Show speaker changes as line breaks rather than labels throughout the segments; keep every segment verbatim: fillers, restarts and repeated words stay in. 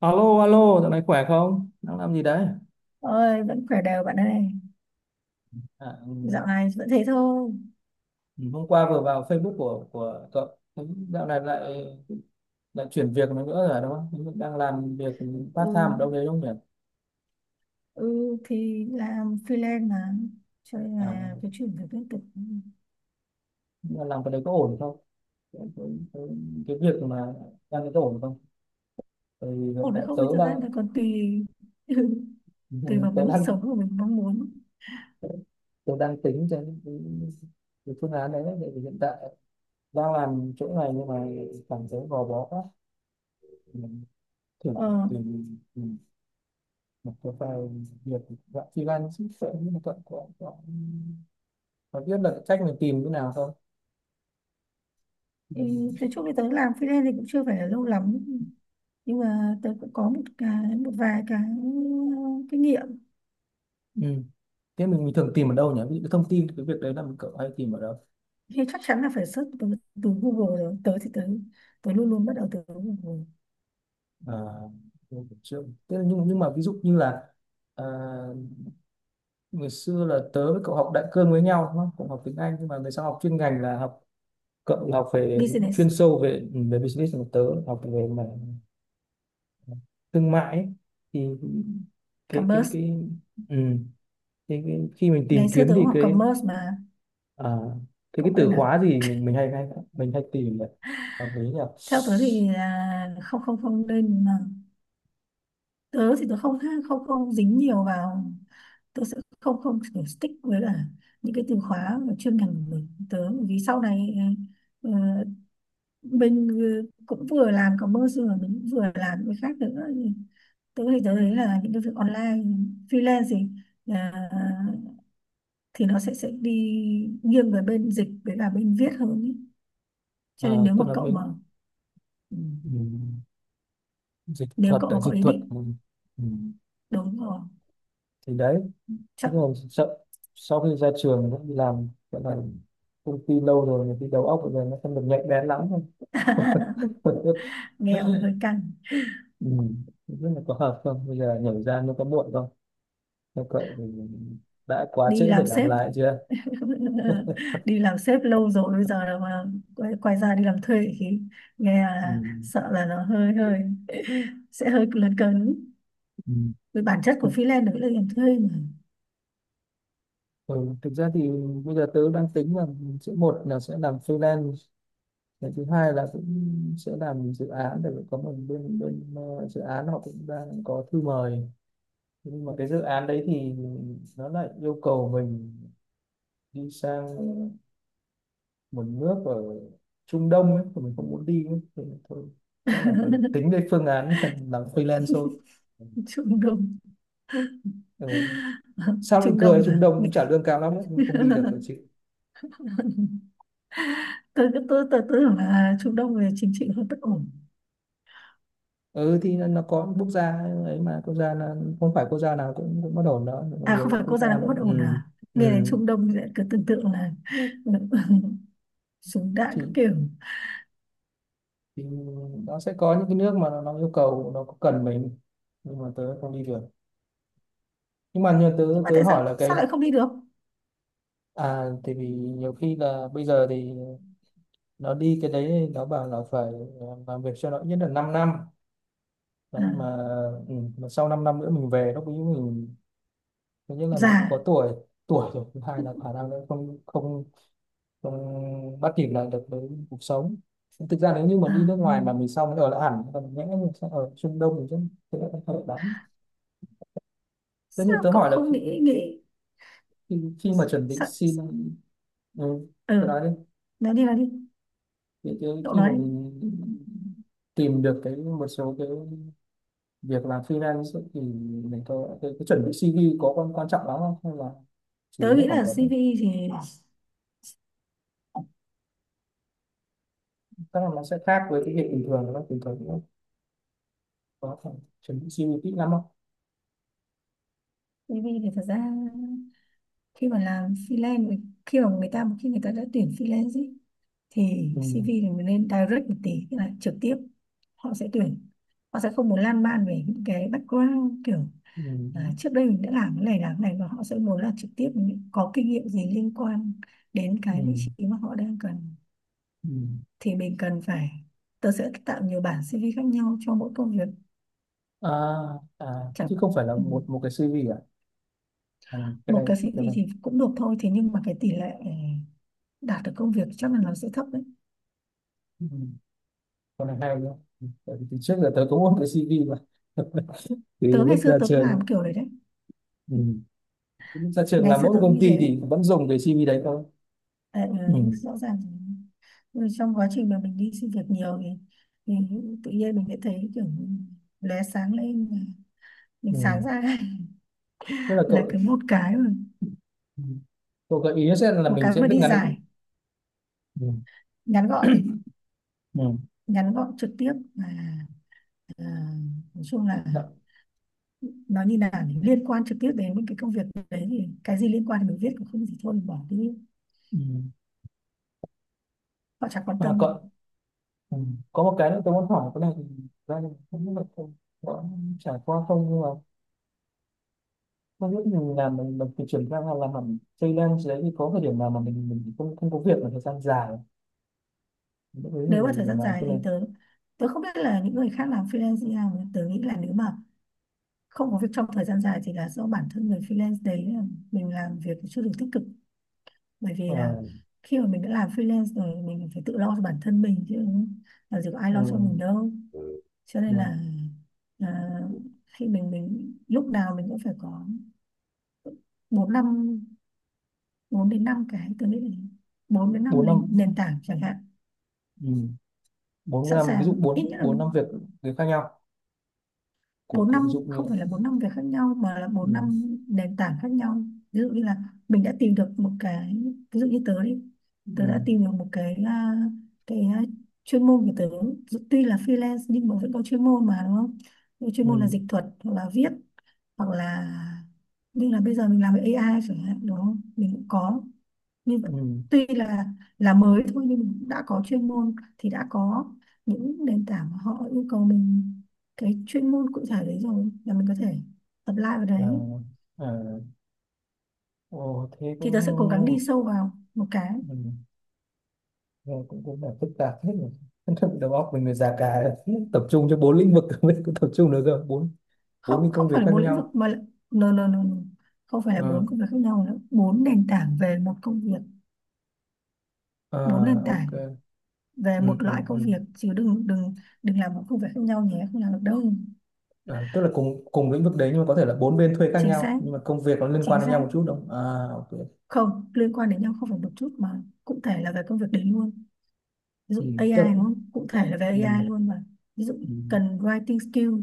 Alo, alo, dạo này khỏe không? Đang làm gì đấy?
Ơi, vẫn khỏe đều bạn ơi.
À, ừm,
Dạo này vẫn thế thôi.
hôm qua vừa vào Facebook của của cậu, thấy dạo này lại lại chuyển việc nữa rồi đúng không? Đang làm việc part
Ừ,
time ở đâu đấy đúng không nhỉ?
ừ thì làm freelance mà, cho nên
À,
là cái chuyển việc liên tục.
nhưng mà làm cái đấy có ổn không? Cái, cái, cái cái việc mà đang có ổn không? Tại vì hiện
Ổn hay
tại
không
tớ
thì thật ra
đang
là còn tùy. Tùy vào
tớ
cái mức
đang
sống của mình mong muốn.
tớ đang tính cho cái, cái phương án đấy, đấy. Tại vì hiện tại đang làm chỗ này nhưng mà cảm thấy gò bó quá. Mình thử
ờ
tìm một cái vài việc dạng freelance chứ sợ nhưng mà cậu có có có biết là cách mình tìm như nào không?
thì
Ừ.
tới chỗ thì tớ làm freelance thì cũng chưa phải là lâu lắm, nhưng mà tớ cũng có một cái một vài cái ừ, kinh nghiệm.
Ừ. Thế mình, mình thường tìm ở đâu nhỉ, ví dụ cái thông tin cái việc đấy là mình cậu hay tìm ở đâu?
Thì chắc chắn là phải search từ, từ Google rồi. Tớ thì tớ tớ luôn luôn bắt đầu từ Google.
À, mình cũng chưa, thế là nhưng nhưng mà ví dụ như là, à, ngày xưa là tớ với cậu học đại cương với nhau đúng không, cũng học tiếng Anh nhưng mà về sau học chuyên ngành là học, cậu là học về
Business.
chuyên sâu về ừ, về business, còn tớ học về mà thương mại ấy. Thì cái cái
Commerce.
cái ừ. Thế cái, khi mình
Ngày
tìm
xưa
kiếm
tớ cũng
thì
học
cái,
commerce mà.
à, thế cái
Cậu quên
từ
à?
khóa gì mình mình hay hay mình hay tìm nhỉ, hợp lý nhỉ.
Theo tớ thì là không không không nên mà. Tớ thì tớ không không không dính nhiều vào. Tớ sẽ không không kiểu stick với là những cái từ khóa và chuyên ngành của mình. Tớ vì sau này à, ờ, mình cũng vừa làm commerce rồi mình cũng vừa làm những cái khác nữa. Tớ thì tớ thấy là những cái việc online freelance thì à, thì nó sẽ sẽ đi nghiêng về bên dịch với cả bên viết hơn ý.
À,
Cho nên nếu mà
tôi nói
cậu mà
đến
ừ,
ừm, dịch
nếu
thuật,
cậu
tại
mà có
dịch
ý
thuật
định,
ừm, ừm,
đúng rồi,
thì đấy, thế
chắc.
rồi sau, sau khi ra trường cũng đi làm, gọi là công ty lâu rồi thì cái đầu óc bây giờ nó không được nhạy bén lắm.
Nghèo phải hơi
Ừm,
căng.
không biết là có hợp không, bây giờ nhảy ra nó có muộn không? Nếu vậy thì đã quá
Đi
trễ để
làm
làm
sếp.
lại chưa?
Đi làm sếp lâu rồi bây giờ là mà quay, quay ra đi làm thuê thì nghe là
Ừm,
sợ là nó hơi hơi sẽ hơi lấn cấn.
ừm.
Với bản chất của freelance đấy là làm thuê mà.
Ừ, thực ra thì bây giờ tớ đang tính là sẽ, một là sẽ làm freelance, cái thứ hai là cũng sẽ làm dự án, để có một bên bên ờ, dự án họ cũng đang có thư mời. Thế nhưng mà cái dự án đấy thì nó lại yêu cầu mình đi sang một nước ở Trung Đông ấy, mà mình không muốn đi ấy. Thì thôi, chắc là phải tính đến phương án làm freelance thôi.
Trung Đông.
Ừ. Sao lại
Trung
cười,
Đông
Trung
mà
Đông
nghĩ-
cũng trả lương cao lắm ấy, nhưng mà không đi được rồi chứ.
tôi cứ tôi tôi tưởng là Trung Đông về chính trị hơi bất ổn.
Ừ thì nó, nó có quốc gia ấy mà, quốc gia là không phải quốc gia nào cũng cũng bất ổn đó, có
À, không
nhiều
phải
quốc
quốc
gia.
gia đang bất ổn
Ừ,
à? Nghe đến
ừ.
Trung Đông thì lại cứ tưởng tượng là súng
Thì,
đạn các kiểu.
thì nó sẽ có những cái nước mà nó, nó yêu cầu nó có cần mình, nhưng mà tớ không đi được. Nhưng mà như tớ
Nhưng mà
tớ
tại sao
hỏi là
sao
cái,
lại không đi được?
à thì vì nhiều khi là bây giờ thì nó đi cái đấy thì nó bảo là phải ờ, làm việc cho nó ít nhất là 5 năm
À,
đấy, mà ừ, mà sau 5 năm nữa mình về lúc ấy mình, thứ nhất là mình
già.
có tuổi, tuổi rồi, thứ hai là khả năng nó không không không bắt kịp lại được với cuộc sống. Thực ra nếu như mà đi
À,
nước ngoài mà mình sau mới ở lại hẳn còn nhẽ, mình sẽ ở Trung Đông thì rất sẽ không hợp lắm. Thế như
sao
tớ
cậu
hỏi là
không
khi,
nghĩ nghĩ?
khi, khi mà chuẩn bị
sao,
xin,
sao?
ừ, tớ
Ừ.
nói đi,
nói đi nói đi
thì cái,
cậu
khi
nói
mà
đi.
mình tìm được cái một số cái việc làm freelance ấy, thì mình có cái, cái chuẩn bị xê vê có quan quan trọng lắm không, hay là chủ
Tớ
yếu là
nghĩ
phỏng
là
vấn?
xê vê thì
Chắc là nó sẽ khác với cái việc bình thường đúng không, bình thường cũng có phải chuẩn bị xi vi kỹ lắm không?
xê vê thì thật ra, khi mà làm freelance, khi mà người ta, khi người ta đã tuyển freelance ý, thì
Ừ.
xê vê thì mình nên direct một tí, tức là trực tiếp. Họ sẽ tuyển, họ sẽ không muốn lan man về những cái background kiểu
Ừ.
à, trước đây mình đã làm cái này làm cái này, và họ sẽ muốn là trực tiếp những- có kinh nghiệm gì liên quan đến
Ừ.
cái vị
Ừ.
trí mà họ đang cần.
Ừ.
Thì mình cần phải, tớ sẽ tạo nhiều bản xê vê khác nhau cho mỗi công việc
À, à
chẳng,
chứ không phải là
ừ,
một một cái xi vi à? À cái
một
này,
cái
cái
xê vê
này,
thì cũng được thôi, thế nhưng mà cái tỷ lệ đạt được công việc chắc là nó sẽ thấp đấy.
ừ, cái này hay nhá. Ừ, tại vì từ trước giờ tớ cũng có một cái xi vi mà từ
tớ ngày
lúc
xưa
ra
tớ cũng làm
trường.
kiểu đấy đấy.
Ừ. Lúc ra trường
Ngày
làm
xưa
mỗi một
tớ cũng
công
như
ty
thế đấy.
thì vẫn dùng cái xi vi đấy thôi.
Ờ, ừ,
Ừ.
rõ ràng, ừ, trong quá trình mà mình đi xin việc nhiều thì, thì tự nhiên mình sẽ thấy kiểu lóe sáng lên, mình
Ừ.
sáng ra.
Tức là
Là
cậu,
cứ một cái mà,
ừ, cậu gợi ý sẽ là
một
mình
cái
sẽ
mà
viết
đi
ngắn.
dài,
Ừ.
ngắn gọn,
Ừ.
ngắn gọn, trực tiếp, và à, nói chung là
Đã-
nó như là liên quan trực tiếp đến những cái công việc đấy, thì cái gì liên quan thì mình viết, cũng không gì thôi mình bỏ đi.
ừ.
Họ chẳng quan
À,
tâm.
cậu, ừ, có một cái nữa tôi muốn hỏi cái này thì ra, thì không biết là cậu có trải qua không. Mà lúc mình làm mình, mình phải chuyển sang là làm hẳn freelance đấy, thì có thời điểm nào mà mình mình không không có việc mà thời gian dài, lúc đấy thì
Nếu mà thời
mình
gian
làm
dài
cái này?
thì tớ tớ không biết là những người khác làm freelance như nào. Tớ nghĩ là nếu mà không có việc trong thời gian dài thì là do bản thân người freelance đấy, ờ, mình làm việc chưa được tích cực, bởi vì
Ờ,
là khi mà mình đã làm freelance rồi mình phải tự lo cho bản thân mình chứ, làm gì có ai
ờ,
lo cho mình đâu. Cho
ờ,
nên là à, khi mình mình lúc nào mình cũng phải có bốn năm, bốn đến năm cái, tôi nghĩ là bốn đến
bốn
năm
năm,
nền, nền tảng chẳng hạn
ừ, bốn
sẵn
năm, ví dụ
sàng. Ít
bốn
nhất là
bốn năm việc, việc khác nhau của
bốn
của ví dụ
năm, không
như,
phải là bốn năm việc khác nhau mà là bốn
ừ,
năm nền tảng khác nhau. Ví dụ như là mình đã tìm được một cái, ví dụ như tớ đi, tớ
ừ,
đã tìm được một cái à, cái à, chuyên môn của tớ, dù tuy là freelance nhưng mà vẫn có chuyên môn mà, đúng không? Cái chuyên môn là
ừ,
dịch thuật hoặc là viết, hoặc là như là bây giờ mình làm với ây ai chẳng hạn, đúng không, mình cũng có. Nhưng
ừ,
tuy là là mới thôi nhưng mình cũng đã có chuyên môn thì đã có những nền tảng mà họ yêu cầu mình cái chuyên môn cụ thể đấy rồi, là mình có thể apply vào
à,
đấy.
à, ồ, thế
Thì
cũng
tớ
ừ,
sẽ cố gắng đi sâu vào một cái.
ừ, nghe cũng cũng là phức tạp hết rồi. Đầu óc mình người già cả, tập trung cho bốn lĩnh vực, mình biết tập trung được rồi, bốn bốn cái
Không, không
công việc
phải là
khác
bốn lĩnh
nhau.
vực mà là, no, no, no, no. Không phải là
Ờ.
bốn công việc khác nhau nữa, bốn nền tảng về một công việc, bốn
À,
nền tảng
ok.
về
Ừ,
một
ừ,
loại công
ừ.
việc, chứ đừng, đừng đừng làm một công việc khác nhau nhé, không làm được đâu.
À, tức là cùng cùng lĩnh vực đấy nhưng mà có thể là bốn bên thuê khác
Chính
nhau,
xác.
nhưng mà công việc nó liên quan
Chính
đến nhau
xác.
một chút đúng không? À, ok.
Không liên quan đến nhau, không phải một chút, mà cụ thể là về công việc đấy luôn. Ví
Ừ,
dụ A I
tức là,
đúng không, cụ thể là về
ừ,
A I luôn mà. Ví dụ
ừ,
cần writing skill,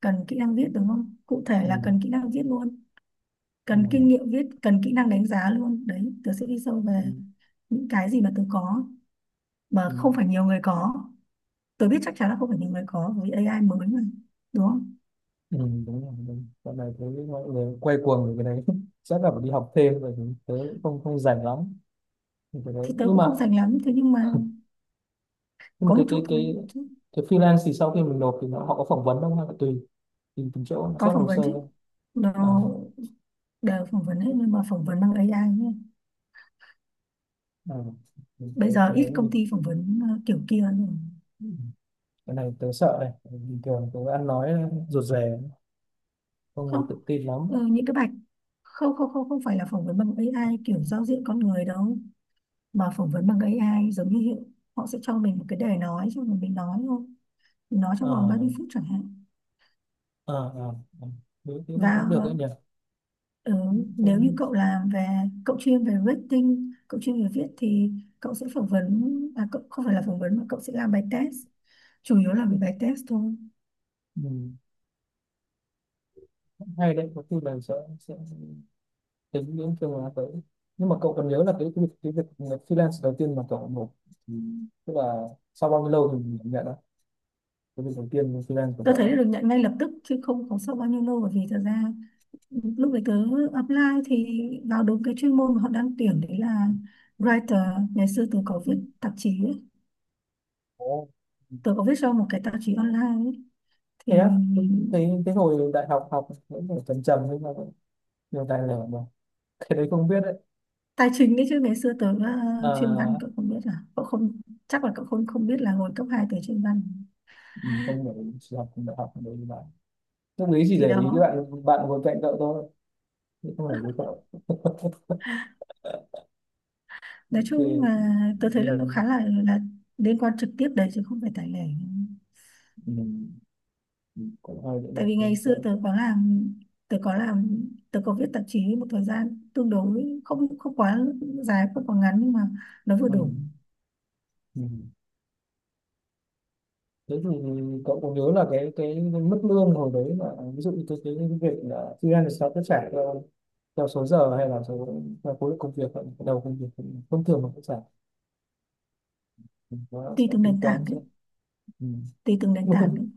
cần kỹ năng viết đúng không, cụ thể
ừ,
là cần kỹ năng viết luôn,
ừ,
cần kinh nghiệm viết, cần kỹ năng đánh giá luôn đấy. Tớ sẽ đi sâu
ừ, ừ,
về những cái gì mà tớ có mà
ừ,
không phải nhiều người có. Tớ biết chắc chắn là không phải nhiều người có vì A I mới mà, đúng không?
ừ, đúng rồi, đúng. Dạo này thấy mọi người quay cuồng về cái đấy. Chắc là phải đi học thêm rồi thì tớ cũng không không rảnh lắm thì cái đấy.
Thì tớ
Nhưng
cũng
mà
không dành lắm, thế nhưng mà
nhưng mà
có một
cái
chút
cái
thôi
cái
chứ.
cái freelance thì sau khi mình nộp thì nó, họ có phỏng vấn không, hay là tùy, tùy từng chỗ nó
Có
xét
phỏng
hồ
vấn
sơ
chứ,
thôi? À,
nó đều phỏng vấn hết, nhưng mà phỏng vấn bằng A I nhé.
à,
Bây
cái
giờ
cái
ít
đấy,
công ty phỏng vấn ờ, kiểu kia rồi.
cái này tớ sợ này, bình thường tớ ăn nói rụt rè không được
Không,
tự tin lắm.
ờ, những cái bạch, không không không không phải là phỏng vấn bằng A I kiểu giao diện con người đâu, mà phỏng vấn bằng A I giống như hiện, họ sẽ cho mình một cái đề nói, xong rồi mình nói thôi, mình nói trong vòng
Ờ,
ba mươi phút chẳng hạn.
ờ, ờ, ờ. Đối tiếng cũng
Và
được đấy nhỉ.
ờ, nếu như
Cũng-
cậu làm về, cậu chuyên về rating, cậu chuyên về viết thì cậu sẽ phỏng vấn, à, cậu không phải là phỏng vấn mà cậu sẽ làm bài test, chủ yếu là về bài test thôi.
ừ. Cũng hay đấy, có khi là sẽ sẽ tính đến phương án tới. Nhưng mà cậu cần nhớ là cái việc cái việc freelance đầu tiên mà cậu nộp thì, tức là sau bao nhiêu lâu thì mình nhận đó, cái việc đầu tiên freelance của
Tôi
cậu ấy?
thấy được nhận ngay lập tức chứ không có sau bao nhiêu lâu, bởi vì thật ra lúc đấy tớ apply thì vào đúng cái chuyên môn mà họ đang tuyển đấy là writer. Ngày xưa tớ có viết tạp chí ấy.
Ồ.
Tớ có viết cho một cái tạp chí online ấy. Thì
Thế á, tôi thấy cái hồi đại học học vẫn phải trầm trầm nhưng mà vẫn nhiều tài liệu mà, cái đấy không biết đấy.
tài chính đấy chứ, ngày xưa tớ uh, chuyên văn,
À,
cậu không biết à? Cậu không, chắc là cậu không, không biết là hồi cấp hai tớ chuyên văn.
mình không phải chỉ học đại học đấy bạn, tâm lý chỉ
Thì
để ý các
đó,
bạn bạn ngồi cạnh cậu thôi, chứ không phải với cậu.
nói chung là
Ok,
tớ thấy là
mình
khá là là liên quan trực tiếp đấy chứ không phải tài lẻ.
mình mình cũng hơi dễ
Tại
dàng
vì ngày
trên xe.
xưa tớ có làm, tớ có làm tớ có viết tạp chí một thời gian tương đối, không, không quá dài không quá ngắn, nhưng mà nó vừa
Ừ.
đủ.
Ừ. Thế thì cậu có nhớ là cái cái mức lương hồi đấy là ví dụ như cái cái cái việc là freelance thì sao sẽ trả theo, theo số giờ hay là số theo khối lượng công việc hay là đầu công việc không, thông thường mà sẽ trả thì nó
Tùy
sẽ
từng
tính
nền
toán
tảng
sẽ?
đấy.
Ừ.
Tùy từng nền
Một
tảng đấy.
thông,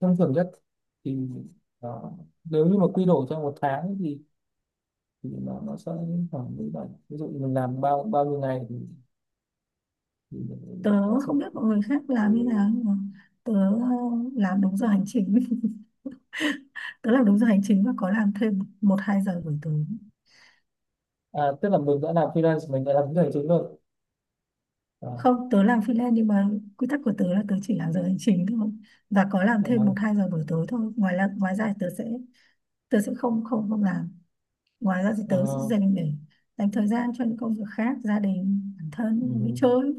thông thường nhất thì đó. Nếu như mà quy đổi trong một tháng thì thì nó nó sẽ đến khoảng mười bảy, ví dụ mình làm bao bao nhiêu ngày thì, thì mình
Tớ
sẽ,
không biết mọi người khác làm như nào, nhưng mà tớ ờ, làm đúng giờ hành chính. Tớ làm đúng giờ hành chính và có làm thêm một hai giờ buổi tối.
à, tức là mình đã làm freelance mình đã làm cái hành chính rồi? À,
Không, tớ làm freelance nhưng mà quy tắc của tớ là tớ chỉ làm giờ hành chính thôi, và có làm thêm một
à,
hai giờ buổi tối thôi, ngoài là ngoài ra thì tớ sẽ tớ sẽ không không không làm. Ngoài ra thì tớ sẽ
à,
dành để dành thời gian cho những công việc khác, gia đình, bản thân và đi
ừ,
chơi.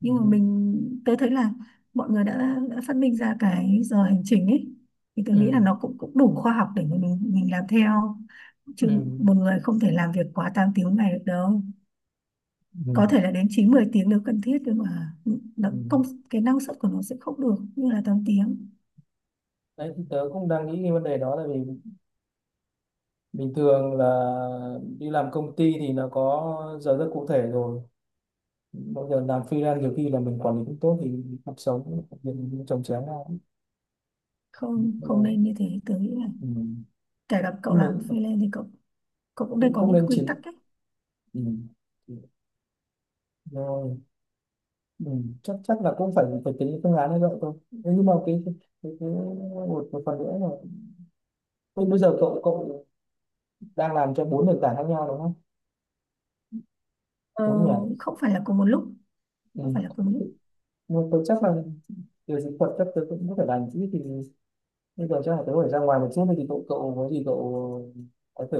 ừ,
Nhưng mà
ừ,
mình tớ thấy là mọi người đã, đã phát minh ra cái giờ hành trình ấy, thì tớ nghĩ là
ừ,
nó cũng cũng đủ khoa học để mà mình mình làm theo
ừ,
chứ.
ừ.
Một người không thể làm việc quá tám tiếng ngày được đâu,
Ừ,
có thể là đến chín mười tiếng nếu cần thiết, nhưng mà nó
ừ.
công cái năng suất của nó sẽ không được như là tám tiếng.
Đấy, thì tớ cũng đang nghĩ cái vấn đề đó là vì bình thường là đi làm công ty thì nó có giờ rất cụ thể rồi, bây giờ làm freelance nhiều khi là mình quản lý cũng tốt thì cuộc sống việc chồng chéo ra. Nên
Không,
là,
không nên như thế. Tớ nghĩ là
ừ.
kể cả cậu
Nhưng mà
làm freelance thì cậu cậu cũng nên
cũng
có
cũng
những
nên
quy tắc
chỉ,
ấy.
ừ, rồi, ừ, chắc chắc là cũng phải phải tính cái phương án như vậy thôi. Thế nhưng mà cái cái, cái cái một, một phần nữa là, thế bây giờ cậu cậu đang làm cho bốn nền tảng khác nhau đúng không,
Ờ,
đúng nhỉ?
không phải là cùng một lúc. Không phải là
Ừ.
cùng một lúc.
Nhưng mà tôi chắc là về dịch thuật chắc tôi cũng có thể làm chứ, thì bây giờ chắc là tôi phải ra ngoài một chút, thì cậu cậu có gì cậu có thể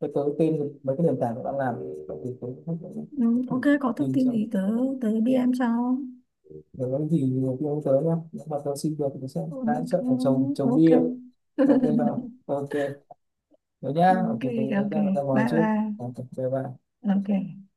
cho tôi tên mấy cái nền tảng cậu đang làm thì tôi cũng- cũng-
Ừ, ok,
cũng-
có thông
tìm
tin
xem.
gì tớ, tớ đê em sau.
Để nói gì nhiều khi ông tới nhá, nếu mà tôi xin được thì tôi sẽ
Ừ,
hái
ok.
chất ở trồng trồng
Ok.
bia. Ok vào, ok, thế nhá, ok,
Ok.
tôi tôi
Ok,
ra ra ngoài
bye
trước.
bye.
Ok bye bye.
Ok.